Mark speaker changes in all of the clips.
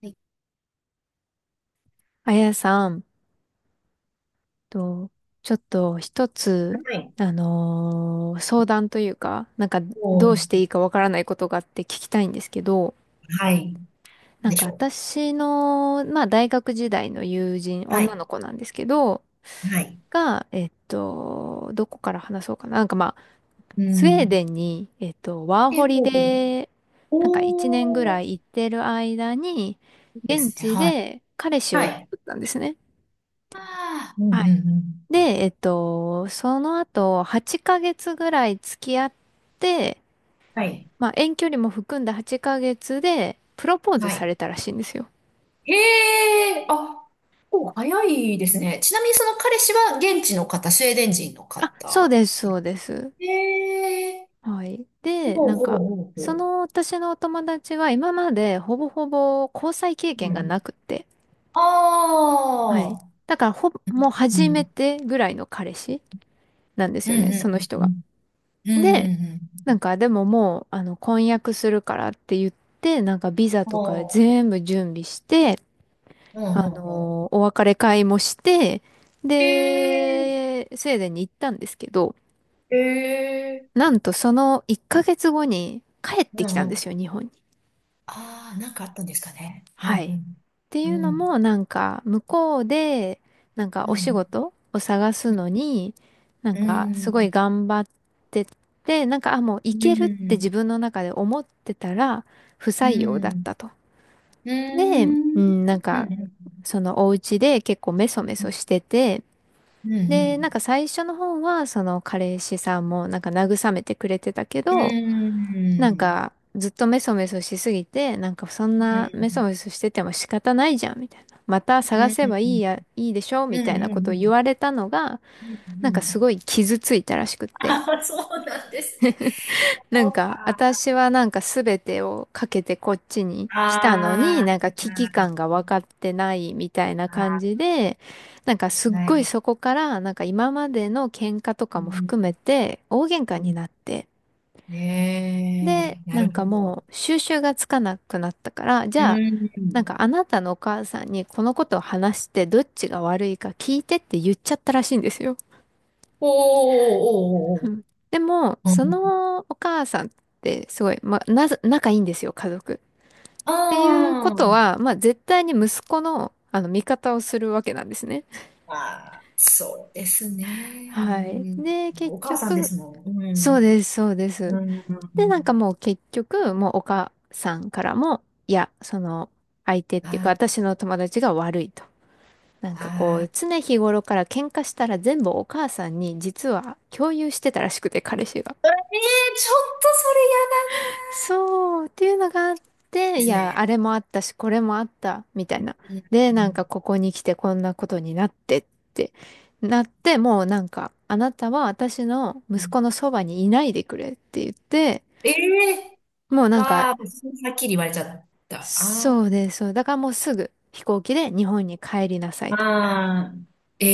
Speaker 1: はい。
Speaker 2: あやさんと、ちょっと一つ、
Speaker 1: はい、
Speaker 2: 相談というか、どうし
Speaker 1: お、
Speaker 2: ていいかわからないことがあって聞きたいんですけど、
Speaker 1: はい。でしょう。
Speaker 2: 私の、まあ大学時代の友人、
Speaker 1: は
Speaker 2: 女
Speaker 1: い。
Speaker 2: の子なんですけど、
Speaker 1: はい。
Speaker 2: が、どこから話そうかな。まあ、
Speaker 1: う
Speaker 2: スウェー
Speaker 1: ん。
Speaker 2: デンに、ワー
Speaker 1: で、
Speaker 2: ホリ
Speaker 1: こう、
Speaker 2: で、一年ぐ
Speaker 1: お
Speaker 2: ら
Speaker 1: ー、
Speaker 2: い行ってる間に、
Speaker 1: で
Speaker 2: 現
Speaker 1: すね。
Speaker 2: 地
Speaker 1: はい。
Speaker 2: で彼氏を
Speaker 1: は
Speaker 2: 作
Speaker 1: い。
Speaker 2: ったんですね。
Speaker 1: ああ、うんうんう
Speaker 2: で、
Speaker 1: ん。
Speaker 2: その後、8ヶ月ぐらい付き合って、
Speaker 1: はい。
Speaker 2: まあ、遠距離も含んだ8ヶ月で、プロポーズ
Speaker 1: は
Speaker 2: さ
Speaker 1: い。
Speaker 2: れたらしいんですよ。
Speaker 1: へえ、あ、お、早いですね。ちなみにその彼氏は現地の方、スウェーデン人の
Speaker 2: あ、そう
Speaker 1: 方。
Speaker 2: です、そうです。
Speaker 1: へえ、
Speaker 2: はい。
Speaker 1: ほ
Speaker 2: で、
Speaker 1: うほうほう
Speaker 2: そ
Speaker 1: ほ
Speaker 2: の私のお友達は今までほぼほぼ交際経
Speaker 1: う。う
Speaker 2: 験が
Speaker 1: ん。
Speaker 2: なくって。はい。
Speaker 1: ああ、
Speaker 2: だから、ほぼ、もう
Speaker 1: う
Speaker 2: 初め
Speaker 1: ん。
Speaker 2: てぐらいの彼氏なんで
Speaker 1: う
Speaker 2: す
Speaker 1: ん
Speaker 2: よね、
Speaker 1: う
Speaker 2: その人が。
Speaker 1: んうんうん。う
Speaker 2: で、
Speaker 1: んうん
Speaker 2: なんかでももう、あの、婚約するからって言って、なんかビザ
Speaker 1: うん。
Speaker 2: とか
Speaker 1: ほ
Speaker 2: 全部準備して、
Speaker 1: う、ほうほうほ
Speaker 2: お別れ会もして、
Speaker 1: う。へえ、
Speaker 2: で、スウェーデンに行ったんですけど、
Speaker 1: ええ、
Speaker 2: なんとその1ヶ月後に帰って
Speaker 1: う
Speaker 2: き
Speaker 1: ん
Speaker 2: た
Speaker 1: う
Speaker 2: んで
Speaker 1: ん。
Speaker 2: すよ、日本に。
Speaker 1: ああ、なんかあったんですかね。う
Speaker 2: は
Speaker 1: ん
Speaker 2: い。って
Speaker 1: う
Speaker 2: い
Speaker 1: ん。
Speaker 2: う
Speaker 1: う
Speaker 2: の
Speaker 1: ん。
Speaker 2: も、向こうで、
Speaker 1: う
Speaker 2: お仕
Speaker 1: ん。
Speaker 2: 事を探すのに、
Speaker 1: う
Speaker 2: すごい
Speaker 1: ん。
Speaker 2: 頑張ってて、あ、もうい
Speaker 1: うん。う
Speaker 2: けるって自
Speaker 1: ん。
Speaker 2: 分の中で思ってたら、不
Speaker 1: う
Speaker 2: 採用だっ
Speaker 1: ん。
Speaker 2: たと。
Speaker 1: う
Speaker 2: で、う
Speaker 1: ん。
Speaker 2: ん、なん
Speaker 1: う
Speaker 2: か、
Speaker 1: ん。うん。
Speaker 2: そのお家で結構メソメソしてて、
Speaker 1: う
Speaker 2: で、
Speaker 1: ん。
Speaker 2: 最初の方は、その彼氏さんもなんか慰めてくれてたけ
Speaker 1: うん。
Speaker 2: ど、
Speaker 1: うん。
Speaker 2: ずっとメソメソしすぎて、なんかそんなメソメソしてても仕方ないじゃん、みたいな。また探
Speaker 1: う
Speaker 2: せばいい
Speaker 1: ん
Speaker 2: や、いいでしょ
Speaker 1: う
Speaker 2: みたいなことを言
Speaker 1: ん
Speaker 2: われたのが、
Speaker 1: う
Speaker 2: なんかす
Speaker 1: ん、
Speaker 2: ごい傷ついたらしくって。
Speaker 1: ああ、そうなんですね。
Speaker 2: なん
Speaker 1: そう
Speaker 2: か、
Speaker 1: か。
Speaker 2: 私はなんか全てをかけてこっちに来たのに、なん
Speaker 1: あ
Speaker 2: か危機感が分かってないみたいな感
Speaker 1: あ、
Speaker 2: じで、なんかすっ
Speaker 1: は
Speaker 2: ごい
Speaker 1: い。
Speaker 2: そこから、なんか今までの喧嘩と
Speaker 1: う
Speaker 2: かも
Speaker 1: ん、
Speaker 2: 含めて、大喧嘩になって、で、
Speaker 1: ねえ、な
Speaker 2: な
Speaker 1: る
Speaker 2: んか
Speaker 1: ほど。
Speaker 2: もう収拾がつかなくなったから、じ
Speaker 1: う
Speaker 2: ゃあ、なん
Speaker 1: ん。
Speaker 2: かあなたのお母さんにこのことを話してどっちが悪いか聞いてって言っちゃったらしいんですよ。
Speaker 1: おー、おー、
Speaker 2: う
Speaker 1: おー、お
Speaker 2: ん。
Speaker 1: ー。
Speaker 2: でも、
Speaker 1: う
Speaker 2: そ
Speaker 1: ん、
Speaker 2: のお母さんってすごい、まあ、なぜ、仲いいんですよ、家族。っ
Speaker 1: あ
Speaker 2: ていうこと
Speaker 1: ー、
Speaker 2: は、まあ絶対に息子の、あの味方をするわけなんですね。
Speaker 1: あー、そうですね。う
Speaker 2: はい。
Speaker 1: ん、
Speaker 2: で、結
Speaker 1: お母さんで
Speaker 2: 局、
Speaker 1: すもん。う
Speaker 2: そう
Speaker 1: ん。
Speaker 2: です、そうです。
Speaker 1: うん。う
Speaker 2: で、なんか
Speaker 1: ん、
Speaker 2: もう結局、もうお母さんからも、いや、その、相手っていうか、
Speaker 1: あ、
Speaker 2: 私の友達が悪いと。なんかこ
Speaker 1: あ
Speaker 2: う、
Speaker 1: ー、
Speaker 2: 常日頃から喧嘩したら全部お母さんに実は共有してたらしくて、彼氏が。
Speaker 1: ええー、ちょっとそれ嫌だ
Speaker 2: そう、っていうのがあって、
Speaker 1: で
Speaker 2: い
Speaker 1: す
Speaker 2: や、
Speaker 1: ね。
Speaker 2: あれもあったし、これもあった、みたいな。
Speaker 1: うん
Speaker 2: で、なんかここに来てこんなことになってって、なって、もうなんか、あなたは私の
Speaker 1: う
Speaker 2: 息
Speaker 1: ん、
Speaker 2: 子のそばにいないでくれって言って、
Speaker 1: ええ
Speaker 2: もう
Speaker 1: ー、
Speaker 2: なんか
Speaker 1: わあ、はっきり言われちゃった。あ
Speaker 2: そ
Speaker 1: ー、
Speaker 2: うです。そう。だからもうすぐ飛行機で日本に帰りなさいと。っ
Speaker 1: あー、え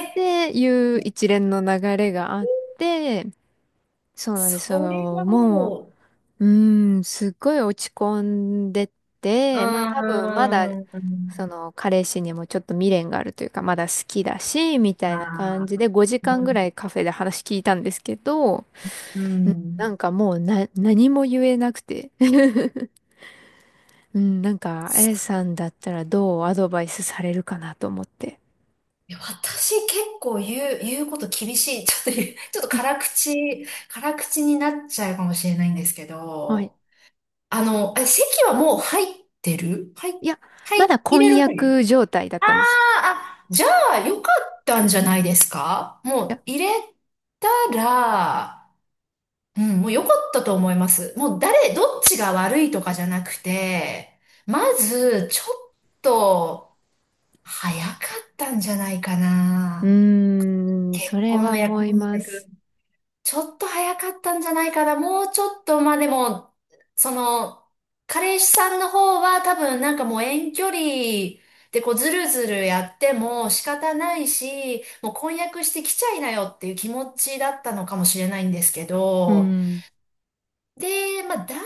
Speaker 1: えー、
Speaker 2: ていう一連の流れがあって、そうなんです
Speaker 1: それ
Speaker 2: よ。
Speaker 1: は
Speaker 2: も
Speaker 1: も
Speaker 2: う、うーん、すっごい落ち込んで
Speaker 1: う、
Speaker 2: て、まあ
Speaker 1: う
Speaker 2: 多
Speaker 1: ー
Speaker 2: 分まだ、
Speaker 1: ん、
Speaker 2: その彼氏にもちょっと未練があるというか、まだ好きだし、みた
Speaker 1: あ
Speaker 2: いな感じ
Speaker 1: あ、
Speaker 2: で5時間ぐらいカフェで話聞いたんですけど、
Speaker 1: う
Speaker 2: うんな
Speaker 1: ん。
Speaker 2: んかもうな、何も言えなくて。うん、なんか、あ
Speaker 1: そ
Speaker 2: や
Speaker 1: う、
Speaker 2: さんだったらどうアドバイスされるかなと思って。
Speaker 1: 私結構言う、言うこと厳しい。ちょっと言う、ちょっと辛口、辛口になっちゃうかもしれないんですけ
Speaker 2: はい。
Speaker 1: ど、あの、あ、席はもう入ってる、はい、
Speaker 2: いや、
Speaker 1: は
Speaker 2: ま
Speaker 1: い、
Speaker 2: だ
Speaker 1: 入れ
Speaker 2: 婚
Speaker 1: る前。
Speaker 2: 約状態だった
Speaker 1: あ、
Speaker 2: んです。い
Speaker 1: あ、じゃあよかったんじゃないですか、も
Speaker 2: や、
Speaker 1: う入れたら、うん、もうよかったと思います。もう誰、どっちが悪いとかじゃなくて、まず、ちょっと、早かったんじゃないか
Speaker 2: う
Speaker 1: な。
Speaker 2: ーん、そ
Speaker 1: 結
Speaker 2: れ
Speaker 1: 婚の
Speaker 2: は思
Speaker 1: 約、
Speaker 2: い
Speaker 1: 婚
Speaker 2: ま
Speaker 1: 約。
Speaker 2: す。
Speaker 1: ちょっと早かったんじゃないかな。もうちょっと、まあでも、その、彼氏さんの方は多分もう遠距離でこうずるずるやっても仕方ないし、もう婚約してきちゃいなよっていう気持ちだったのかもしれないんですけ
Speaker 2: う
Speaker 1: ど、
Speaker 2: ん。
Speaker 1: で、まあ、男性って結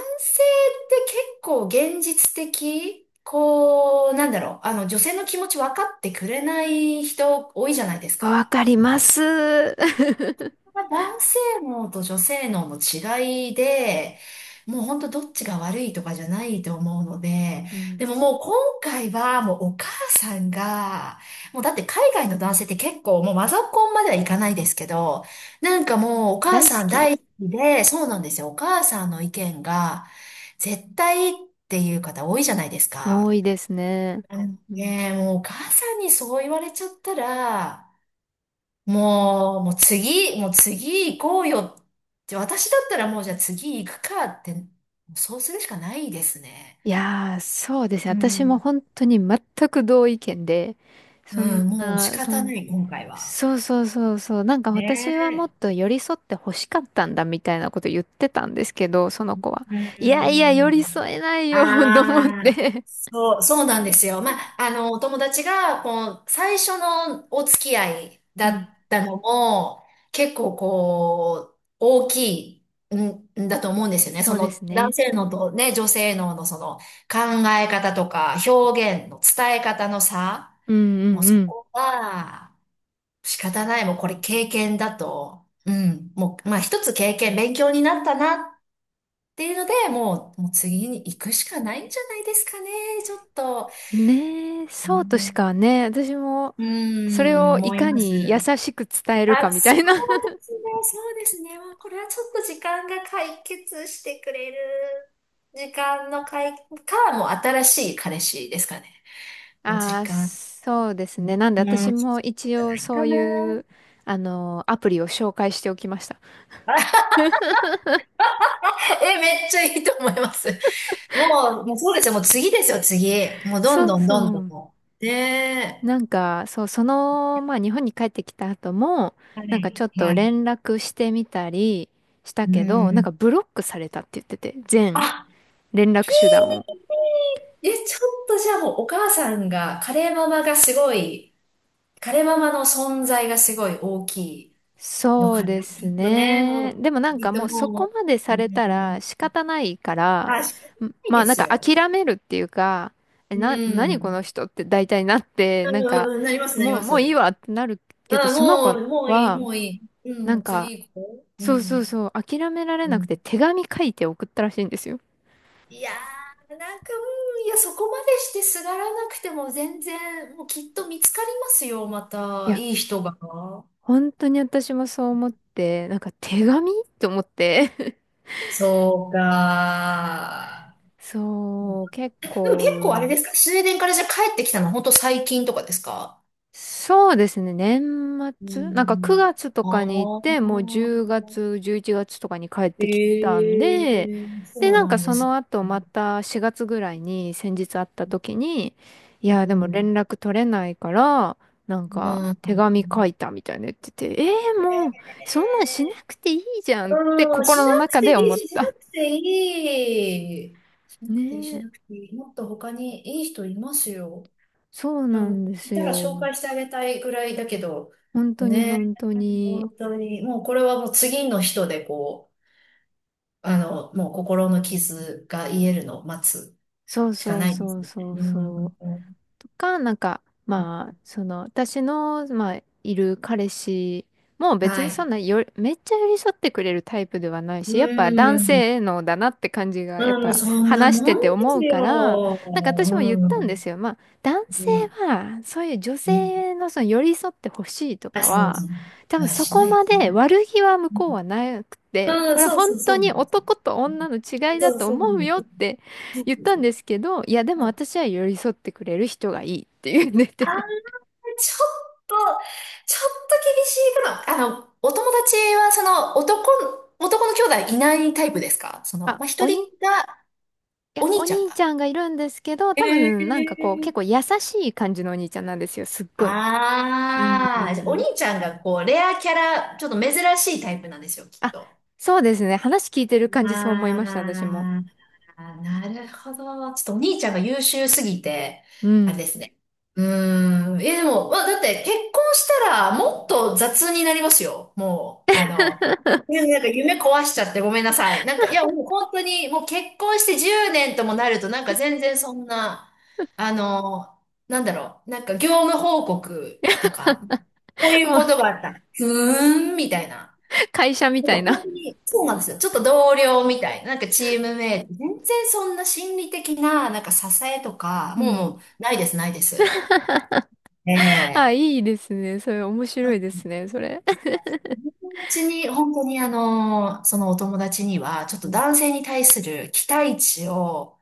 Speaker 1: 構現実的、こう、なんだろう、女性の気持ち分かってくれない人多いじゃないです
Speaker 2: わ
Speaker 1: か。
Speaker 2: かります。
Speaker 1: まあ男性脳と女性脳の違いで、もう本当どっちが悪いとかじゃないと思うので、
Speaker 2: うん。
Speaker 1: でも、もう今回はもうお母さんが、もうだって海外の男性って結構もうマザコンまではいかないですけど、もうお母
Speaker 2: 大好
Speaker 1: さん
Speaker 2: き。
Speaker 1: 大好きで、そうなんですよ。お母さんの意見が絶対っていう方多いじゃないです
Speaker 2: 多
Speaker 1: か。
Speaker 2: いですね。
Speaker 1: うん、
Speaker 2: うん。
Speaker 1: ねえ、もうお母さんにそう言われちゃったら、もう、もう次、もう次行こうよって、私だったらもうじゃあ次行くかって、そうするしかないですね。
Speaker 2: いやー、そうですね。
Speaker 1: う
Speaker 2: 私も
Speaker 1: ん。
Speaker 2: 本当に全く同意見で、
Speaker 1: う
Speaker 2: そん
Speaker 1: ん、もう仕
Speaker 2: な、そ
Speaker 1: 方な
Speaker 2: ん
Speaker 1: い、今回は。
Speaker 2: そうそうそうそう。なんか私はもっ
Speaker 1: ね
Speaker 2: と寄り添って欲しかったんだみたいなこと言ってたんですけど、その子は。
Speaker 1: え。
Speaker 2: いやいや、
Speaker 1: う
Speaker 2: 寄り
Speaker 1: ん。
Speaker 2: 添えないよ と思っ
Speaker 1: ああ、
Speaker 2: て。
Speaker 1: そう、そうなんですよ。まあ、あの、お友達が、こう、最初のお付き合い
Speaker 2: う
Speaker 1: だ
Speaker 2: ん。
Speaker 1: ったのも、結構こう、大きいんだと思うんですよね。
Speaker 2: そ
Speaker 1: そ
Speaker 2: うです
Speaker 1: の、男
Speaker 2: ね。
Speaker 1: 性のとね、女性ののその、考え方とか、表現の伝え方の差、
Speaker 2: う
Speaker 1: もう
Speaker 2: ん
Speaker 1: そ
Speaker 2: うん
Speaker 1: こは、仕方ない、もうこれ経験だと、うん、もう、まあ一つ経験、勉強になったなっていうので、もう、もう次に行くしかないんじゃないですかね。ちょっと、
Speaker 2: うん。ねえ、
Speaker 1: う
Speaker 2: そうとし
Speaker 1: ん、
Speaker 2: かね、私も、
Speaker 1: う
Speaker 2: それ
Speaker 1: ん
Speaker 2: をい
Speaker 1: 思い
Speaker 2: か
Speaker 1: ます。
Speaker 2: に優しく伝えるか
Speaker 1: あ、
Speaker 2: みた
Speaker 1: そ
Speaker 2: いな。
Speaker 1: うで すね、そうですね。もうこれはちょっと時間が解決してくれる。時間の解、か、もう新しい彼氏ですかね。もう
Speaker 2: あ
Speaker 1: 時
Speaker 2: あ、
Speaker 1: 間、
Speaker 2: そうです
Speaker 1: うん、
Speaker 2: ね。なんで私
Speaker 1: じ
Speaker 2: も一
Speaker 1: ゃ
Speaker 2: 応
Speaker 1: ない
Speaker 2: そ
Speaker 1: か
Speaker 2: う
Speaker 1: な。
Speaker 2: いう、あの、アプリを紹介しておきました。
Speaker 1: あ、え、めっちゃいいと思います。もう、もうそうですよ。もう次ですよ、次。もうどん
Speaker 2: そう
Speaker 1: どんどん
Speaker 2: そ
Speaker 1: ど
Speaker 2: う。
Speaker 1: ん。ね
Speaker 2: なんか、そう、その、まあ日本に帰ってきた後も、
Speaker 1: え。は
Speaker 2: なんかち
Speaker 1: い。
Speaker 2: ょっと
Speaker 1: はい。
Speaker 2: 連絡してみたりした
Speaker 1: う
Speaker 2: けど、なん
Speaker 1: ん。
Speaker 2: かブロックされたって言ってて、全
Speaker 1: あ、
Speaker 2: 連絡手段を。
Speaker 1: え、ちょっとじゃあもうお母さんが、カレーママがすごい、カレーママの存在がすごい大きいの
Speaker 2: そう
Speaker 1: かな。
Speaker 2: で
Speaker 1: き
Speaker 2: す
Speaker 1: っとね、も
Speaker 2: ね。
Speaker 1: う、
Speaker 2: でもなん
Speaker 1: きっ
Speaker 2: かもう
Speaker 1: と
Speaker 2: そこ
Speaker 1: も
Speaker 2: まで
Speaker 1: う、
Speaker 2: さ
Speaker 1: う
Speaker 2: れたら
Speaker 1: ん。
Speaker 2: 仕方ないから、
Speaker 1: あ、仕方ない
Speaker 2: まあ
Speaker 1: で
Speaker 2: なん
Speaker 1: す
Speaker 2: か
Speaker 1: よ。
Speaker 2: 諦めるっていうか、
Speaker 1: う
Speaker 2: 何こ
Speaker 1: ん。
Speaker 2: の人って大体なって、なんか、
Speaker 1: うん、なります、なりま
Speaker 2: もういい
Speaker 1: す。
Speaker 2: わってなるけど、
Speaker 1: あ、
Speaker 2: その
Speaker 1: も
Speaker 2: 子
Speaker 1: う、もういい、
Speaker 2: は、
Speaker 1: もういい。うん、
Speaker 2: な
Speaker 1: も
Speaker 2: ん
Speaker 1: う
Speaker 2: か、
Speaker 1: 次行こう。うん。
Speaker 2: そう、諦められ
Speaker 1: う
Speaker 2: なくて
Speaker 1: ん。
Speaker 2: 手紙書いて送ったらしいんですよ。
Speaker 1: いやー、うん、いや、そこまでしてすがらなくても全然、もうきっと見つかりますよ、ま
Speaker 2: い
Speaker 1: た、
Speaker 2: や、
Speaker 1: いい人が。
Speaker 2: 本当に私もそう思って、なんか手紙と思って。
Speaker 1: そうか。うん、
Speaker 2: そう、結
Speaker 1: でも
Speaker 2: 構、
Speaker 1: 結構あれですか、スウェーデンからじゃあ帰ってきたの本当最近とかですか。
Speaker 2: そうですね。年末なんか
Speaker 1: う
Speaker 2: 9月と
Speaker 1: ん。
Speaker 2: かに行って、もう10
Speaker 1: ああ、
Speaker 2: 月、11月とかに帰ってき
Speaker 1: え
Speaker 2: たん
Speaker 1: え
Speaker 2: で、
Speaker 1: ー、
Speaker 2: で、
Speaker 1: そう
Speaker 2: なん
Speaker 1: な
Speaker 2: か
Speaker 1: んで
Speaker 2: そ
Speaker 1: す。
Speaker 2: の後
Speaker 1: う
Speaker 2: また4月ぐらいに先日会った時に、いや、でも
Speaker 1: ん。
Speaker 2: 連絡取れないから、なんか
Speaker 1: うん。
Speaker 2: 手紙書いたみたいな言ってて、えー、
Speaker 1: え
Speaker 2: もうそんなんしな
Speaker 1: え、
Speaker 2: くていいじゃんって
Speaker 1: うん、し
Speaker 2: 心
Speaker 1: な
Speaker 2: の
Speaker 1: く
Speaker 2: 中
Speaker 1: てい
Speaker 2: で思っ
Speaker 1: い、しな
Speaker 2: た。
Speaker 1: くていい。し なくていい、
Speaker 2: ね
Speaker 1: し
Speaker 2: え、
Speaker 1: なくていい。もっと他にいい人いますよ。
Speaker 2: そう
Speaker 1: で
Speaker 2: な
Speaker 1: も、
Speaker 2: んで
Speaker 1: い
Speaker 2: す
Speaker 1: たら紹
Speaker 2: よ。
Speaker 1: 介してあげたいぐらいだけど、
Speaker 2: 本当に
Speaker 1: ね、
Speaker 2: 本当に。
Speaker 1: 本当に、もうこれはもう次の人でこう、もう心の傷が癒えるのを待つ
Speaker 2: そう
Speaker 1: しか
Speaker 2: そ
Speaker 1: な
Speaker 2: う
Speaker 1: いで
Speaker 2: そ
Speaker 1: す
Speaker 2: う
Speaker 1: ね。
Speaker 2: そう
Speaker 1: う
Speaker 2: そう。
Speaker 1: ん、
Speaker 2: とか、なんか、まあ、その、私の、まあ、いる彼氏も別
Speaker 1: は
Speaker 2: にそ
Speaker 1: い。
Speaker 2: んなよ、めっちゃ寄り添ってくれるタイプではないし、
Speaker 1: う
Speaker 2: やっぱ男
Speaker 1: ん、
Speaker 2: 性のだなって感じが、やっ
Speaker 1: うん、もう
Speaker 2: ぱ
Speaker 1: そんな
Speaker 2: 話し
Speaker 1: も
Speaker 2: てて
Speaker 1: んで
Speaker 2: 思
Speaker 1: す
Speaker 2: うから、
Speaker 1: よ。
Speaker 2: なんか私も言った
Speaker 1: う
Speaker 2: んで
Speaker 1: ん、
Speaker 2: すよ。まあ、男
Speaker 1: う
Speaker 2: 性
Speaker 1: ん、
Speaker 2: は、そういう女
Speaker 1: うん。
Speaker 2: 性のその寄り添ってほしいと
Speaker 1: あ、
Speaker 2: か
Speaker 1: そう
Speaker 2: は、
Speaker 1: そう。
Speaker 2: 多分
Speaker 1: あ、
Speaker 2: そ
Speaker 1: し
Speaker 2: こ
Speaker 1: ないで
Speaker 2: ま
Speaker 1: す
Speaker 2: で
Speaker 1: ね。
Speaker 2: 悪気は向
Speaker 1: う
Speaker 2: こうは
Speaker 1: ん、
Speaker 2: なくて、
Speaker 1: う
Speaker 2: こ
Speaker 1: ん、
Speaker 2: れは
Speaker 1: そう
Speaker 2: 本
Speaker 1: そうそ
Speaker 2: 当
Speaker 1: うなん
Speaker 2: に
Speaker 1: です。
Speaker 2: 男と
Speaker 1: うん、
Speaker 2: 女の違いだ
Speaker 1: そう
Speaker 2: と
Speaker 1: そうな
Speaker 2: 思
Speaker 1: ん
Speaker 2: う
Speaker 1: です。
Speaker 2: よって
Speaker 1: そう
Speaker 2: 言ったん
Speaker 1: そう
Speaker 2: ですけど、いや、でも
Speaker 1: そう。
Speaker 2: 私は寄り添ってくれる人がいいって言って
Speaker 1: ああ、
Speaker 2: て。
Speaker 1: ちょっと、ちょっと厳しいかな。あの、お友達は、その、男、男の兄弟いないタイプですか、その、
Speaker 2: あ、
Speaker 1: まあ、一
Speaker 2: おに、
Speaker 1: 人が、
Speaker 2: いや、
Speaker 1: お
Speaker 2: お
Speaker 1: 兄ちゃん
Speaker 2: 兄ち
Speaker 1: が。
Speaker 2: ゃんがいるんですけど、
Speaker 1: え
Speaker 2: 多分なんかこう、結構
Speaker 1: ー、
Speaker 2: 優しい感じのお兄ちゃんなんですよ、すっごい。うん。う
Speaker 1: あ
Speaker 2: ん
Speaker 1: あ、じゃあお
Speaker 2: う
Speaker 1: 兄
Speaker 2: ん
Speaker 1: ちゃんが、こう、レアキャラ、ちょっと珍しいタイプなんですよ、きっ
Speaker 2: あ、
Speaker 1: と。
Speaker 2: そうですね。話聞いてる感じそう思いました、私も。
Speaker 1: ああ。あ、なるほど。ちょっとお兄ちゃんが優秀すぎて、
Speaker 2: う
Speaker 1: あれ
Speaker 2: ん。
Speaker 1: ですね。うーん。え、でも、まあ、だって結婚したらもっと雑になりますよ。もう、いや、なんか夢壊しちゃってごめんなさい。なんか、いや、もう本当に、もう結婚して10年ともなると、なんか全然そんな、あの、なんだろう、なんか業務報告とか、こう いう
Speaker 2: も
Speaker 1: こ
Speaker 2: う、
Speaker 1: とがあった。ふーん、みたいな。
Speaker 2: 会社み
Speaker 1: なん
Speaker 2: た
Speaker 1: か
Speaker 2: い
Speaker 1: 本
Speaker 2: な。
Speaker 1: 当に、そうなんですよ。ちょっと同僚みたいな、なんかチームメイト、全然そんな心理的な、なんか支えとか、
Speaker 2: う
Speaker 1: もう、
Speaker 2: ん。
Speaker 1: もう、ないです、ないです。
Speaker 2: あ、
Speaker 1: ええ、
Speaker 2: いいですね。それ面白いですね、それ。
Speaker 1: 友達に、本当にあの、そのお友達には、ちょっ
Speaker 2: う
Speaker 1: と
Speaker 2: ん。
Speaker 1: 男性に対する期待値を、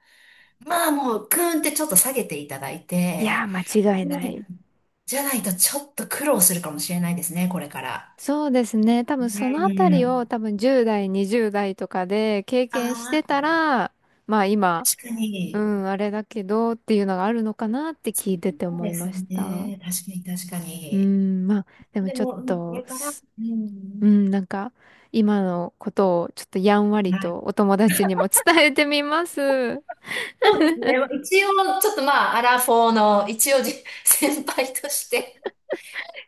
Speaker 1: まあもう、グーンってちょっと下げていただい
Speaker 2: いや
Speaker 1: て、
Speaker 2: ー、間違いない。
Speaker 1: じゃないとちょっと苦労するかもしれないですね、これから。
Speaker 2: そうですね。多分そ
Speaker 1: う
Speaker 2: のあたりを
Speaker 1: ん。
Speaker 2: 多分10代、20代とかで経
Speaker 1: あ
Speaker 2: 験して
Speaker 1: あ、
Speaker 2: たら、まあ今、
Speaker 1: 確か
Speaker 2: う
Speaker 1: に。
Speaker 2: ん、あれだけどっていうのがあるのかなって聞いてて
Speaker 1: そう
Speaker 2: 思い
Speaker 1: です
Speaker 2: ました。
Speaker 1: ね。確かに、確か
Speaker 2: う
Speaker 1: に。
Speaker 2: ん、まあでも
Speaker 1: で
Speaker 2: ちょっ
Speaker 1: も、うん、こ
Speaker 2: と
Speaker 1: れから、
Speaker 2: す、
Speaker 1: う
Speaker 2: う
Speaker 1: ん、
Speaker 2: ん、なんか今のことをちょっとやんわり
Speaker 1: はい。
Speaker 2: とお友達にも伝えてみます。
Speaker 1: そうですね。一応、ちょっとまあ、アラフォーの、一応じ、先輩として。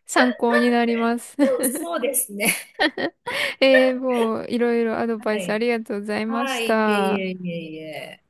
Speaker 2: 参考になります。
Speaker 1: そう、そうですね。
Speaker 2: えー、もういろいろアド
Speaker 1: は
Speaker 2: バイスあり
Speaker 1: い。
Speaker 2: がとうございま
Speaker 1: は
Speaker 2: し
Speaker 1: い。はい、いえいえ
Speaker 2: た。
Speaker 1: いえいえ。